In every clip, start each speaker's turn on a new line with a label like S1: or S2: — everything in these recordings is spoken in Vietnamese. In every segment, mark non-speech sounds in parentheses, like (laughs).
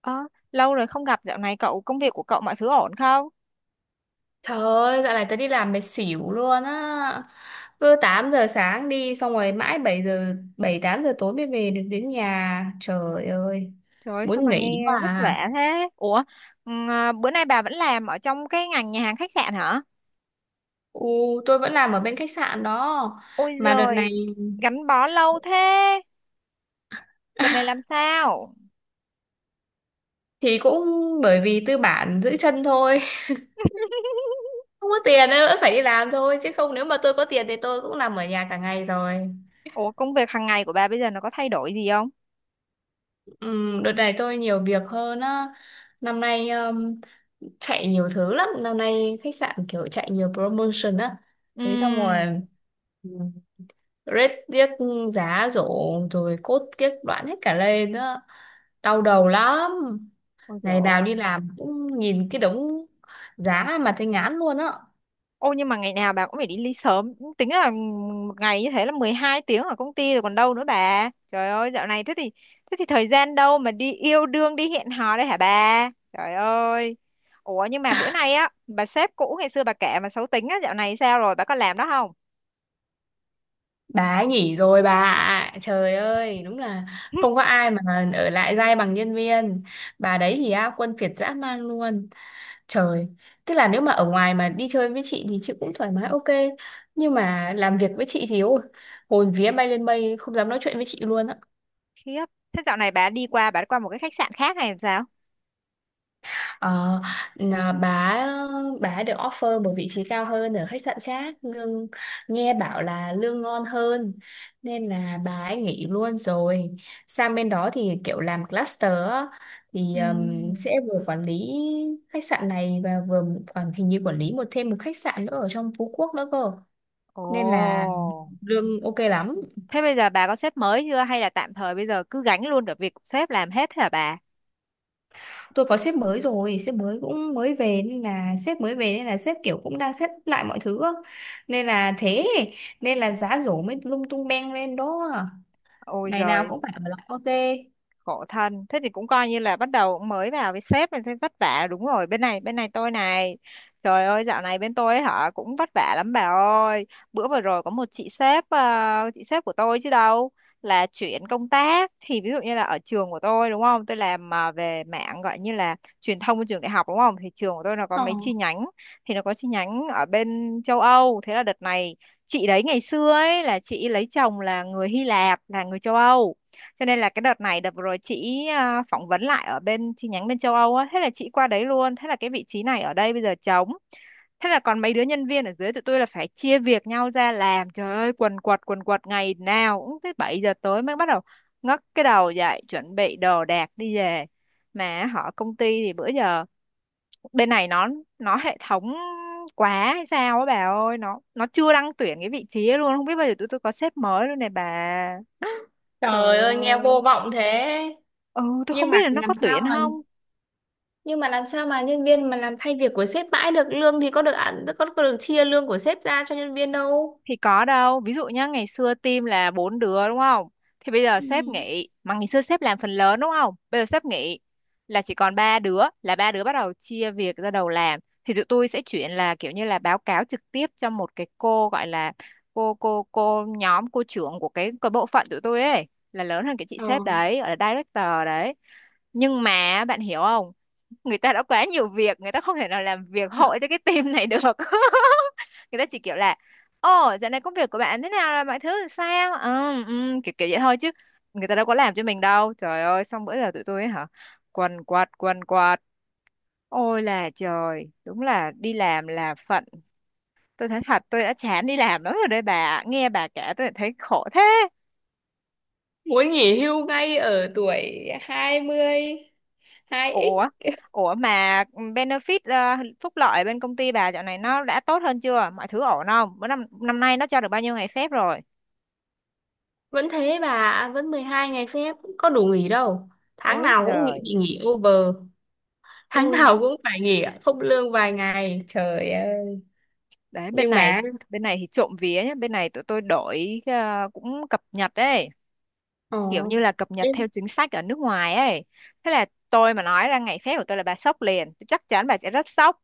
S1: Ơ, lâu rồi không gặp. Dạo này cậu, công việc của cậu, mọi thứ ổn không?
S2: Trời ơi, dạo này tớ đi làm mệt xỉu luôn á. Cứ 8 giờ sáng đi, xong rồi mãi 7 8 giờ tối mới về được đến nhà. Trời ơi,
S1: Trời ơi, sao
S2: muốn
S1: mà
S2: nghỉ
S1: nghe
S2: quá
S1: vất vả
S2: à.
S1: thế? Bữa nay bà vẫn làm ở trong cái ngành nhà hàng khách sạn hả?
S2: Ừ, tôi vẫn làm ở bên khách sạn đó.
S1: Ôi
S2: Mà đợt này
S1: giời, gắn bó lâu thế. Đợt này làm sao?
S2: thì cũng bởi vì tư bản giữ chân thôi. (laughs)
S1: (laughs)
S2: Không có tiền nên vẫn phải đi làm thôi, chứ không, nếu mà tôi có tiền thì tôi cũng làm ở nhà cả ngày rồi.
S1: Ủa, công việc hàng ngày của bà bây giờ nó có thay đổi gì không?
S2: Ừ, đợt này tôi nhiều việc hơn á. Năm nay chạy nhiều thứ lắm, năm nay khách sạn kiểu chạy nhiều promotion á,
S1: Ừ.
S2: thế xong rồi ừ, rate tiếc, giá rổ rồi cốt kiếp đoạn hết cả lên nữa, đau đầu lắm.
S1: Ôi
S2: Ngày nào đi
S1: giời.
S2: làm cũng nhìn cái đống giá mà thấy ngán luôn á.
S1: Ô nhưng mà ngày nào bà cũng phải đi ly sớm. Tính là một ngày như thế là 12 tiếng ở công ty rồi còn đâu nữa bà. Trời ơi, dạo này thế thì, thế thì thời gian đâu mà đi yêu đương, đi hẹn hò đây hả bà? Trời ơi. Ủa nhưng mà bữa nay á, bà sếp cũ ngày xưa bà kể mà xấu tính á, dạo này sao rồi, bà có làm đó không?
S2: Bà ấy nghỉ rồi bà ạ. Trời ơi, đúng là không có
S1: (laughs)
S2: ai mà ở lại dai bằng nhân viên. Bà đấy thì á quân kiệt dã man luôn. Trời, tức là nếu mà ở ngoài mà đi chơi với chị thì chị cũng thoải mái, ok. Nhưng mà làm việc với chị thì ôi, hồn vía bay lên mây, không dám nói chuyện với chị luôn á.
S1: Khiếp. Thế dạo này bà đi qua, bà đi qua một cái khách sạn khác hay làm sao?
S2: Ờ, là bà được offer một vị trí cao hơn ở khách sạn khác, lương nghe bảo là lương ngon hơn, nên là bà ấy nghỉ luôn rồi. Sang bên đó thì kiểu làm cluster á, thì
S1: Ừ.
S2: sẽ vừa quản lý khách sạn này và vừa hình như quản lý thêm một khách sạn nữa ở trong Phú Quốc nữa cơ,
S1: Ồ.
S2: nên là lương ok lắm.
S1: Thế bây giờ bà có sếp mới chưa hay là tạm thời bây giờ cứ gánh luôn được việc của sếp làm hết thế hả bà?
S2: Tôi có sếp mới rồi, sếp mới cũng mới về, nên là sếp mới về, nên là sếp kiểu cũng đang xếp lại mọi thứ á. Nên là thế, nên là giá rổ mới lung tung beng lên đó,
S1: Ôi
S2: ngày nào
S1: giời,
S2: cũng phải ở lại OT.
S1: khổ thân. Thế thì cũng coi như là bắt đầu mới vào với sếp nên thấy vất vả, đúng rồi. Bên này tôi này, trời ơi, dạo này bên tôi ấy hả, cũng vất vả lắm bà ơi. Bữa vừa rồi có một chị sếp, chị sếp của tôi chứ đâu, là chuyển công tác. Thì ví dụ như là ở trường của tôi đúng không, tôi làm về mạng, gọi như là truyền thông của trường đại học đúng không, thì trường của tôi nó có
S2: Ờ.
S1: mấy chi nhánh, thì nó có chi nhánh ở bên châu Âu. Thế là đợt này chị đấy, ngày xưa ấy là chị lấy chồng là người Hy Lạp, là người châu Âu, cho nên là cái đợt này, đợt vừa rồi chị phỏng vấn lại ở bên chi nhánh bên châu Âu á, thế là chị qua đấy luôn, thế là cái vị trí này ở đây bây giờ trống. Thế là còn mấy đứa nhân viên ở dưới tụi tôi là phải chia việc nhau ra làm. Trời ơi, quần quật quần quật, ngày nào cũng tới 7 giờ tối mới bắt đầu ngóc cái đầu dậy chuẩn bị đồ đạc đi về. Mà họ, công ty thì bữa giờ bên này nó hệ thống quá hay sao á bà ơi, nó chưa đăng tuyển cái vị trí ấy luôn, không biết bao giờ tụi tôi có sếp mới luôn này bà.
S2: Trời
S1: Trời
S2: ơi nghe vô
S1: ơi.
S2: vọng thế.
S1: Ừ, tôi không
S2: nhưng
S1: biết
S2: mà
S1: là nó có
S2: làm sao
S1: tuyển
S2: mà
S1: không.
S2: nhưng mà làm sao mà nhân viên mà làm thay việc của sếp mãi được? Lương thì có được ăn, có được chia lương của sếp ra cho nhân viên đâu.
S1: Thì có đâu. Ví dụ nhá, ngày xưa team là 4 đứa đúng không? Thì bây giờ sếp
S2: Ừ.
S1: nghỉ. Mà ngày xưa sếp làm phần lớn đúng không? Bây giờ sếp nghỉ là chỉ còn 3 đứa. Là 3 đứa bắt đầu chia việc ra đầu làm. Thì tụi tôi sẽ chuyển là kiểu như là báo cáo trực tiếp cho một cái cô gọi là cô trưởng của cái bộ phận tụi tôi ấy. Là lớn hơn cái chị
S2: Ờ.
S1: sếp đấy, gọi là director đấy. Nhưng mà bạn hiểu không? Người ta đã quá nhiều việc, người ta không thể nào làm việc hội cho cái team này được. (laughs) Người ta chỉ kiểu là, ồ dạo này công việc của bạn thế nào rồi, mọi thứ sao, kiểu kiểu vậy thôi chứ người ta đâu có làm cho mình đâu, trời ơi. Xong bữa giờ tụi tôi ấy hả, quần quật quần quật, ôi là trời, đúng là đi làm là phận. Tôi thấy thật, tôi đã chán đi làm lắm rồi đây bà ạ. Nghe bà kể tôi thấy khổ thế.
S2: Muốn nghỉ hưu ngay ở tuổi 22
S1: Ủa,
S2: x.
S1: ủa mà benefit, phúc lợi bên công ty bà dạo này nó đã tốt hơn chưa? Mọi thứ ổn không? Bữa năm năm nay nó cho được bao nhiêu ngày phép rồi?
S2: Vẫn thế bà ạ, vẫn 12 ngày phép, có đủ nghỉ đâu. Tháng
S1: Ôi
S2: nào cũng
S1: giời,
S2: nghỉ, bị nghỉ over, tháng nào
S1: ui.
S2: cũng phải nghỉ không lương vài ngày. Trời ơi,
S1: Đấy
S2: nhưng mà
S1: bên này thì trộm vía nhá, bên này tụi tôi đổi cũng cập nhật đấy,
S2: ờ,
S1: kiểu như là cập nhật
S2: đến
S1: theo chính sách ở nước ngoài ấy. Thế là tôi mà nói ra ngày phép của tôi là bà sốc liền, tôi chắc chắn bà sẽ rất sốc.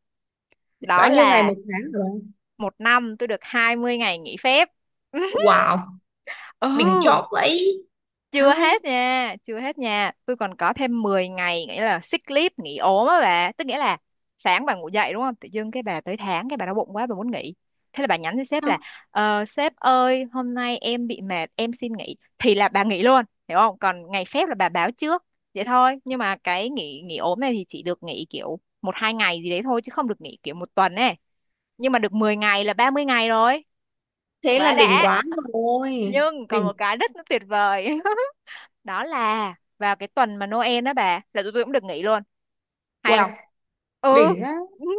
S2: bao
S1: Đó
S2: nhiêu ngày
S1: là
S2: một tháng rồi?
S1: một năm tôi được 20 ngày nghỉ phép. (laughs)
S2: Wow,
S1: Ừ,
S2: đỉnh chóp vậy.
S1: chưa
S2: Trời ơi,
S1: hết nha chưa hết nha, tôi còn có thêm 10 ngày, nghĩa là sick leave, nghỉ ốm á bà, tức nghĩa là sáng bà ngủ dậy đúng không, tự dưng cái bà tới tháng, cái bà đau bụng quá bà muốn nghỉ, thế là bà nhắn cho sếp
S2: không,
S1: là, sếp ơi hôm nay em bị mệt em xin nghỉ, thì là bà nghỉ luôn, hiểu không? Còn ngày phép là bà báo trước vậy thôi. Nhưng mà cái nghỉ nghỉ ốm này thì chỉ được nghỉ kiểu một hai ngày gì đấy thôi chứ không được nghỉ kiểu một tuần ấy. Nhưng mà được 10 ngày là 30 ngày rồi,
S2: thế là
S1: quá
S2: đỉnh
S1: đã.
S2: quá rồi.
S1: Nhưng còn một
S2: Đỉnh,
S1: cái rất là tuyệt vời, (laughs) đó là vào cái tuần mà Noel đó bà, là tụi tôi cũng được nghỉ luôn, hay
S2: uầy,
S1: không? Ừ.
S2: đỉnh á.
S1: (laughs)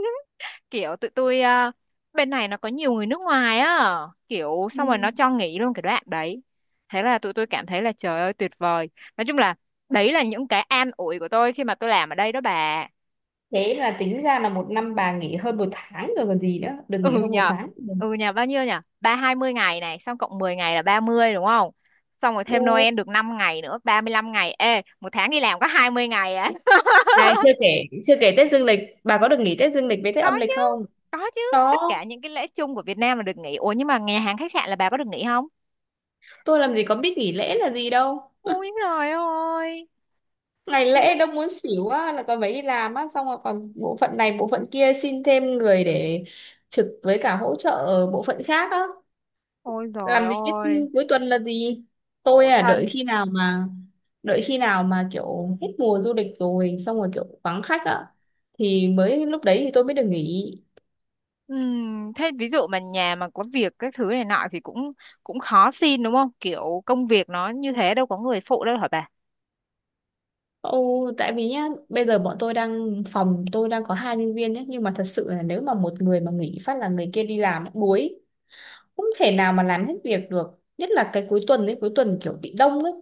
S1: Kiểu tụi tôi bên này nó có nhiều người nước ngoài á, kiểu
S2: Ừ.
S1: xong rồi nó cho nghỉ luôn cái đoạn đấy. Thế là tụi tôi cảm thấy là trời ơi tuyệt vời. Nói chung là đấy là những cái an ủi của tôi khi mà tôi làm ở đây đó bà.
S2: Thế là tính ra là một năm bà nghỉ hơn một tháng rồi còn gì nữa, được nghỉ
S1: ừ
S2: hơn một
S1: nhờ
S2: tháng.
S1: ừ nhờ bao nhiêu nhờ, hai mươi ngày này xong cộng 10 ngày là 30 đúng không, xong rồi thêm
S2: Ừ.
S1: Noel được 5 ngày nữa, 35 ngày. Ê, một tháng đi làm có 20 ngày á.
S2: Này, chưa kể Tết dương lịch, bà có được nghỉ Tết dương lịch với Tết
S1: có
S2: âm
S1: chứ
S2: lịch không?
S1: có chứ,
S2: Đó,
S1: tất cả những cái lễ chung của Việt Nam là được nghỉ. Ủa nhưng mà nhà hàng khách sạn là bà có được nghỉ không?
S2: tôi làm gì có biết nghỉ lễ là gì đâu.
S1: Ôi trời ơi,
S2: Ngày lễ
S1: tiếc.
S2: đâu muốn xỉu á, là còn phải đi làm á, xong rồi còn bộ phận này, bộ phận kia xin thêm người để trực với cả hỗ trợ ở bộ phận khác á.
S1: Ôi trời
S2: Làm gì biết
S1: ơi,
S2: cuối tuần là gì. Tôi
S1: khổ
S2: à,
S1: thân.
S2: đợi khi nào mà kiểu hết mùa du lịch rồi, xong rồi kiểu vắng khách á, thì mới lúc đấy thì tôi mới được nghỉ.
S1: Thế ví dụ mà nhà mà có việc các thứ này nọ thì cũng, cũng khó xin đúng không, kiểu công việc nó như thế đâu có người phụ đâu hả bà?
S2: Ồ, tại vì nhá, bây giờ bọn tôi đang phòng tôi đang có hai nhân viên nhé, nhưng mà thật sự là nếu mà một người mà nghỉ phát là người kia đi làm buổi, không thể nào mà làm hết việc được, nhất là cái cuối tuần ấy, cuối tuần kiểu bị đông ấy,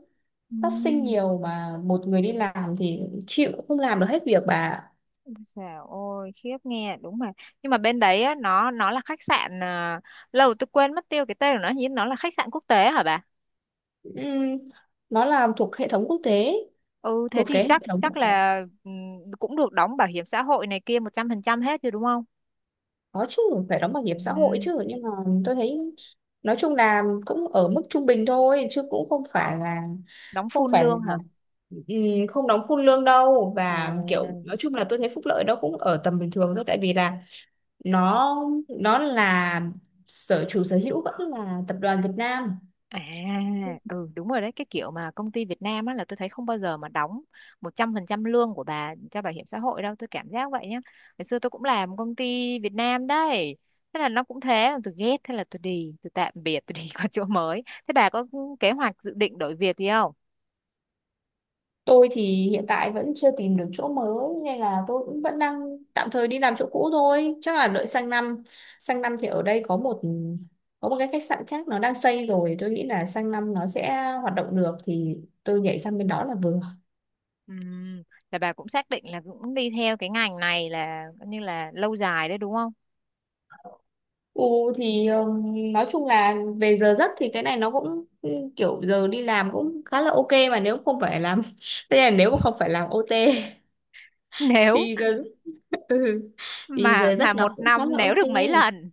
S2: phát sinh
S1: Ừm.
S2: nhiều mà một người đi làm thì chịu không làm được hết việc bà.
S1: Ôi dào ôi, khiếp, nghe đúng mà. Nhưng mà bên đấy á, nó là khách sạn à, lâu tôi quên mất tiêu cái tên của nó, nhưng nó là khách sạn quốc tế hả bà?
S2: Ừm, nó làm thuộc hệ thống quốc tế,
S1: Ừ, thế
S2: thuộc
S1: thì
S2: cái hệ
S1: chắc
S2: thống
S1: chắc
S2: của.
S1: là, ừ, cũng được đóng bảo hiểm xã hội này kia 100% hết rồi đúng không?
S2: Có chứ, phải đóng bảo hiểm xã hội
S1: Ừ,
S2: chứ, nhưng mà tôi thấy nói chung là cũng ở mức trung bình thôi, chứ cũng không phải là,
S1: đóng
S2: không
S1: full
S2: phải là
S1: lương hả?
S2: không đóng full lương đâu.
S1: À,
S2: Và kiểu nói chung là tôi thấy phúc lợi nó cũng ở tầm bình thường thôi, tại vì là nó nó là chủ sở hữu vẫn là tập đoàn Việt Nam.
S1: à ừ đúng rồi đấy, cái kiểu mà công ty Việt Nam á là tôi thấy không bao giờ mà đóng 100% lương của bà cho bảo hiểm xã hội đâu, tôi cảm giác vậy nhá. Ngày xưa tôi cũng làm công ty Việt Nam đấy. Thế là nó cũng thế, tôi ghét, thế là tôi đi, tôi tạm biệt, tôi đi (laughs) qua chỗ mới. Thế bà có kế hoạch dự định đổi việc gì không?
S2: Tôi thì hiện tại vẫn chưa tìm được chỗ mới, nên là tôi cũng vẫn đang tạm thời đi làm chỗ cũ thôi, chắc là đợi sang năm, sang năm thì ở đây có một, cái khách sạn khác nó đang xây rồi, tôi nghĩ là sang năm nó sẽ hoạt động được thì tôi nhảy sang bên đó là vừa.
S1: Ừm, Là bà cũng xác định là cũng đi theo cái ngành này là coi như là lâu dài đấy đúng không?
S2: Ừ, thì nói chung là về giờ giấc thì cái này nó cũng ừ, kiểu giờ đi làm cũng khá là ok, mà nếu không phải làm (laughs) thế là nếu mà không phải làm OT
S1: (laughs) Nếu
S2: thì giờ (laughs) ừ. Thì
S1: mà
S2: giờ giấc
S1: một
S2: nó cũng khá
S1: năm
S2: là
S1: nếu
S2: ok.
S1: được mấy lần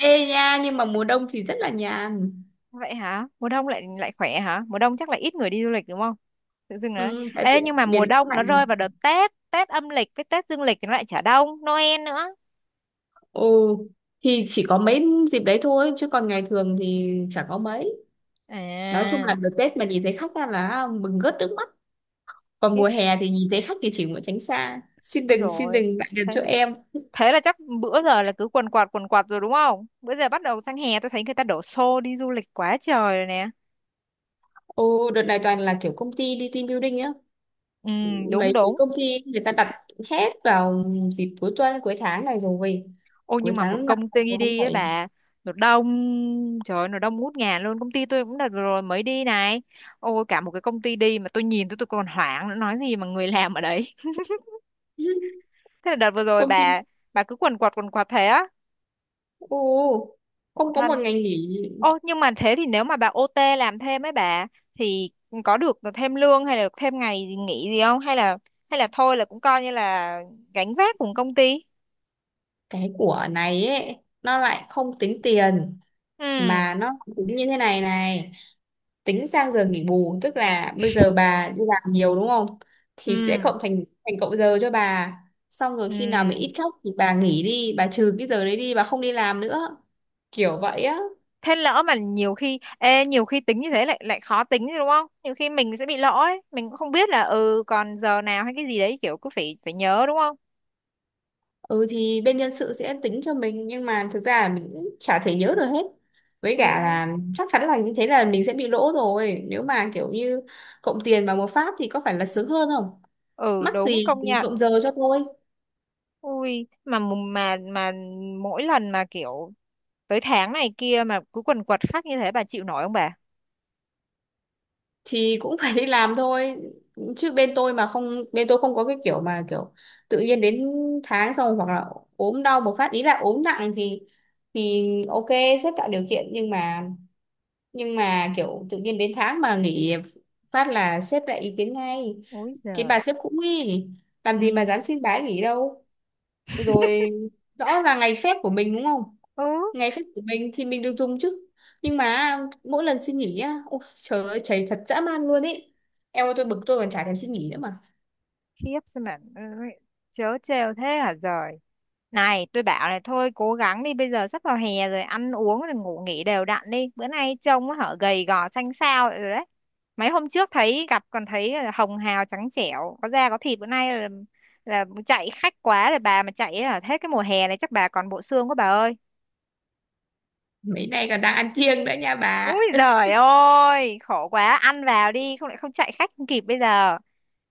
S2: Ê nha, nhưng mà mùa đông thì rất là nhàn.
S1: vậy hả? Mùa đông lại lại khỏe hả? Mùa đông chắc là ít người đi du lịch đúng không? Tự dưng đấy.
S2: Ừ, tại vì
S1: Ê nhưng mà mùa
S2: miền Bắc
S1: đông nó
S2: lạnh.
S1: rơi vào đợt Tết, Tết âm lịch với Tết dương lịch thì nó lại chả đông, Noel nữa.
S2: Ồ, thì chỉ có mấy dịp đấy thôi chứ còn ngày thường thì chả có mấy. Nói chung
S1: À,
S2: là đợt Tết mà nhìn thấy khách ra là mừng rớt nước mắt, còn
S1: khiếp,
S2: mùa hè thì nhìn thấy khách thì chỉ muốn tránh xa, xin
S1: ôi
S2: đừng, xin
S1: rồi.
S2: đừng lại gần
S1: Thế,
S2: chỗ em.
S1: thế là chắc bữa giờ là cứ quần quạt rồi đúng không? Bữa giờ bắt đầu sang hè tôi thấy người ta đổ xô đi du lịch quá trời rồi nè.
S2: Ồ, đợt này toàn là kiểu công ty đi team building á,
S1: Ừ đúng
S2: mấy cái
S1: đúng.
S2: công ty người ta đặt hết vào dịp cuối tuần, cuối tháng này rồi,
S1: Ôi
S2: cuối
S1: nhưng mà một
S2: tháng 5,
S1: công ty
S2: cuối tháng
S1: đi ấy
S2: bảy
S1: bà, nó đông, trời ơi nó đông ngút ngàn luôn. Công ty tôi cũng đợt vừa rồi mới đi này. Ôi, cả một cái công ty đi mà tôi nhìn tôi còn hoảng nữa, nói gì mà người làm ở đấy.
S2: (laughs)
S1: (laughs) Thế là đợt vừa rồi
S2: Công ty.
S1: bà cứ quần quật thế á.
S2: Ô,
S1: Khổ
S2: không có một
S1: thân.
S2: ngày nghỉ.
S1: Ô nhưng mà thế thì nếu mà bà OT làm thêm ấy bà, thì có được thêm lương hay là được thêm ngày gì nghỉ gì không? Hay là thôi là cũng coi như là gánh vác cùng công ty?
S2: Cái của này ấy nó lại không tính tiền,
S1: Ừ
S2: mà nó tính như thế này này, tính sang giờ nghỉ bù. Tức là bây giờ bà đi làm nhiều đúng không, thì sẽ
S1: Ừ
S2: cộng thành thành cộng giờ cho bà, xong rồi
S1: Ừ
S2: khi nào mà ít khóc thì bà nghỉ đi, bà trừ cái giờ đấy đi, bà không đi làm nữa, kiểu vậy á.
S1: thế lỡ mà nhiều khi ê, nhiều khi tính như thế lại, lại khó tính chứ đúng không, nhiều khi mình sẽ bị lỗ ấy, mình cũng không biết là ừ còn giờ nào hay cái gì đấy, kiểu cứ phải phải nhớ đúng không?
S2: Ừ, thì bên nhân sự sẽ tính cho mình, nhưng mà thực ra là mình cũng chả thể nhớ được hết, với
S1: ừ
S2: cả là chắc chắn là như thế là mình sẽ bị lỗ rồi, nếu mà kiểu như cộng tiền vào một phát thì có phải là sướng hơn không?
S1: ừ
S2: Mắc
S1: đúng,
S2: gì
S1: công nhận.
S2: cộng giờ cho tôi.
S1: Ui mà mà mỗi lần mà kiểu tới tháng này kia mà cứ quần quật khắc như thế bà chịu nổi không bà?
S2: Thì cũng (laughs) phải đi làm thôi, chứ bên tôi không có cái kiểu mà kiểu tự nhiên đến tháng, xong hoặc là ốm đau một phát, ý là ốm nặng thì ok, sếp tạo điều kiện, nhưng mà kiểu tự nhiên đến tháng mà nghỉ phát là sếp lại ý kiến ngay.
S1: Ôi
S2: Cái
S1: giời.
S2: bà sếp cũng nghi, làm
S1: ừ
S2: gì mà dám xin bái nghỉ đâu. Rồi, rõ là ngày phép của mình đúng không,
S1: ừ
S2: ngày phép của mình thì mình được dùng chứ, nhưng mà mỗi lần xin nghỉ á, ôi trời ơi, chảy thật dã man luôn ý. Em ơi, tôi bực tôi còn chả thèm xin nghỉ nữa mà.
S1: khiếp, sao mà chớ trêu thế hả giời. Này, tôi bảo này, thôi cố gắng đi, bây giờ sắp vào hè rồi, ăn uống rồi ngủ nghỉ đều đặn đi. Bữa nay trông á, hở, gầy gò xanh xao rồi đấy. Mấy hôm trước thấy gặp còn thấy là hồng hào trắng trẻo, có da có thịt, bữa nay là chạy khách quá rồi bà, mà chạy ở hết cái mùa hè này chắc bà còn bộ xương quá bà ơi.
S2: Mấy nay còn đang ăn kiêng nữa nha bà.
S1: Úi giời ơi, khổ quá, ăn vào đi không lại không chạy khách không kịp bây giờ.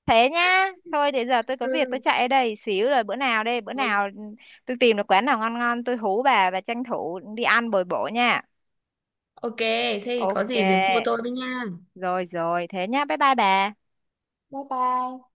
S1: Thế nhá, thôi thì giờ tôi có việc, tôi chạy ở
S2: (laughs)
S1: đây xíu rồi, bữa nào đây, bữa
S2: Ừ.
S1: nào tôi tìm được quán nào ngon ngon tôi hú bà và tranh thủ đi ăn bồi bổ nha.
S2: Ok, thế thì có
S1: OK,
S2: gì thì cô tôi với nha.
S1: rồi rồi, thế nhá, bye bye bà.
S2: Bye bye.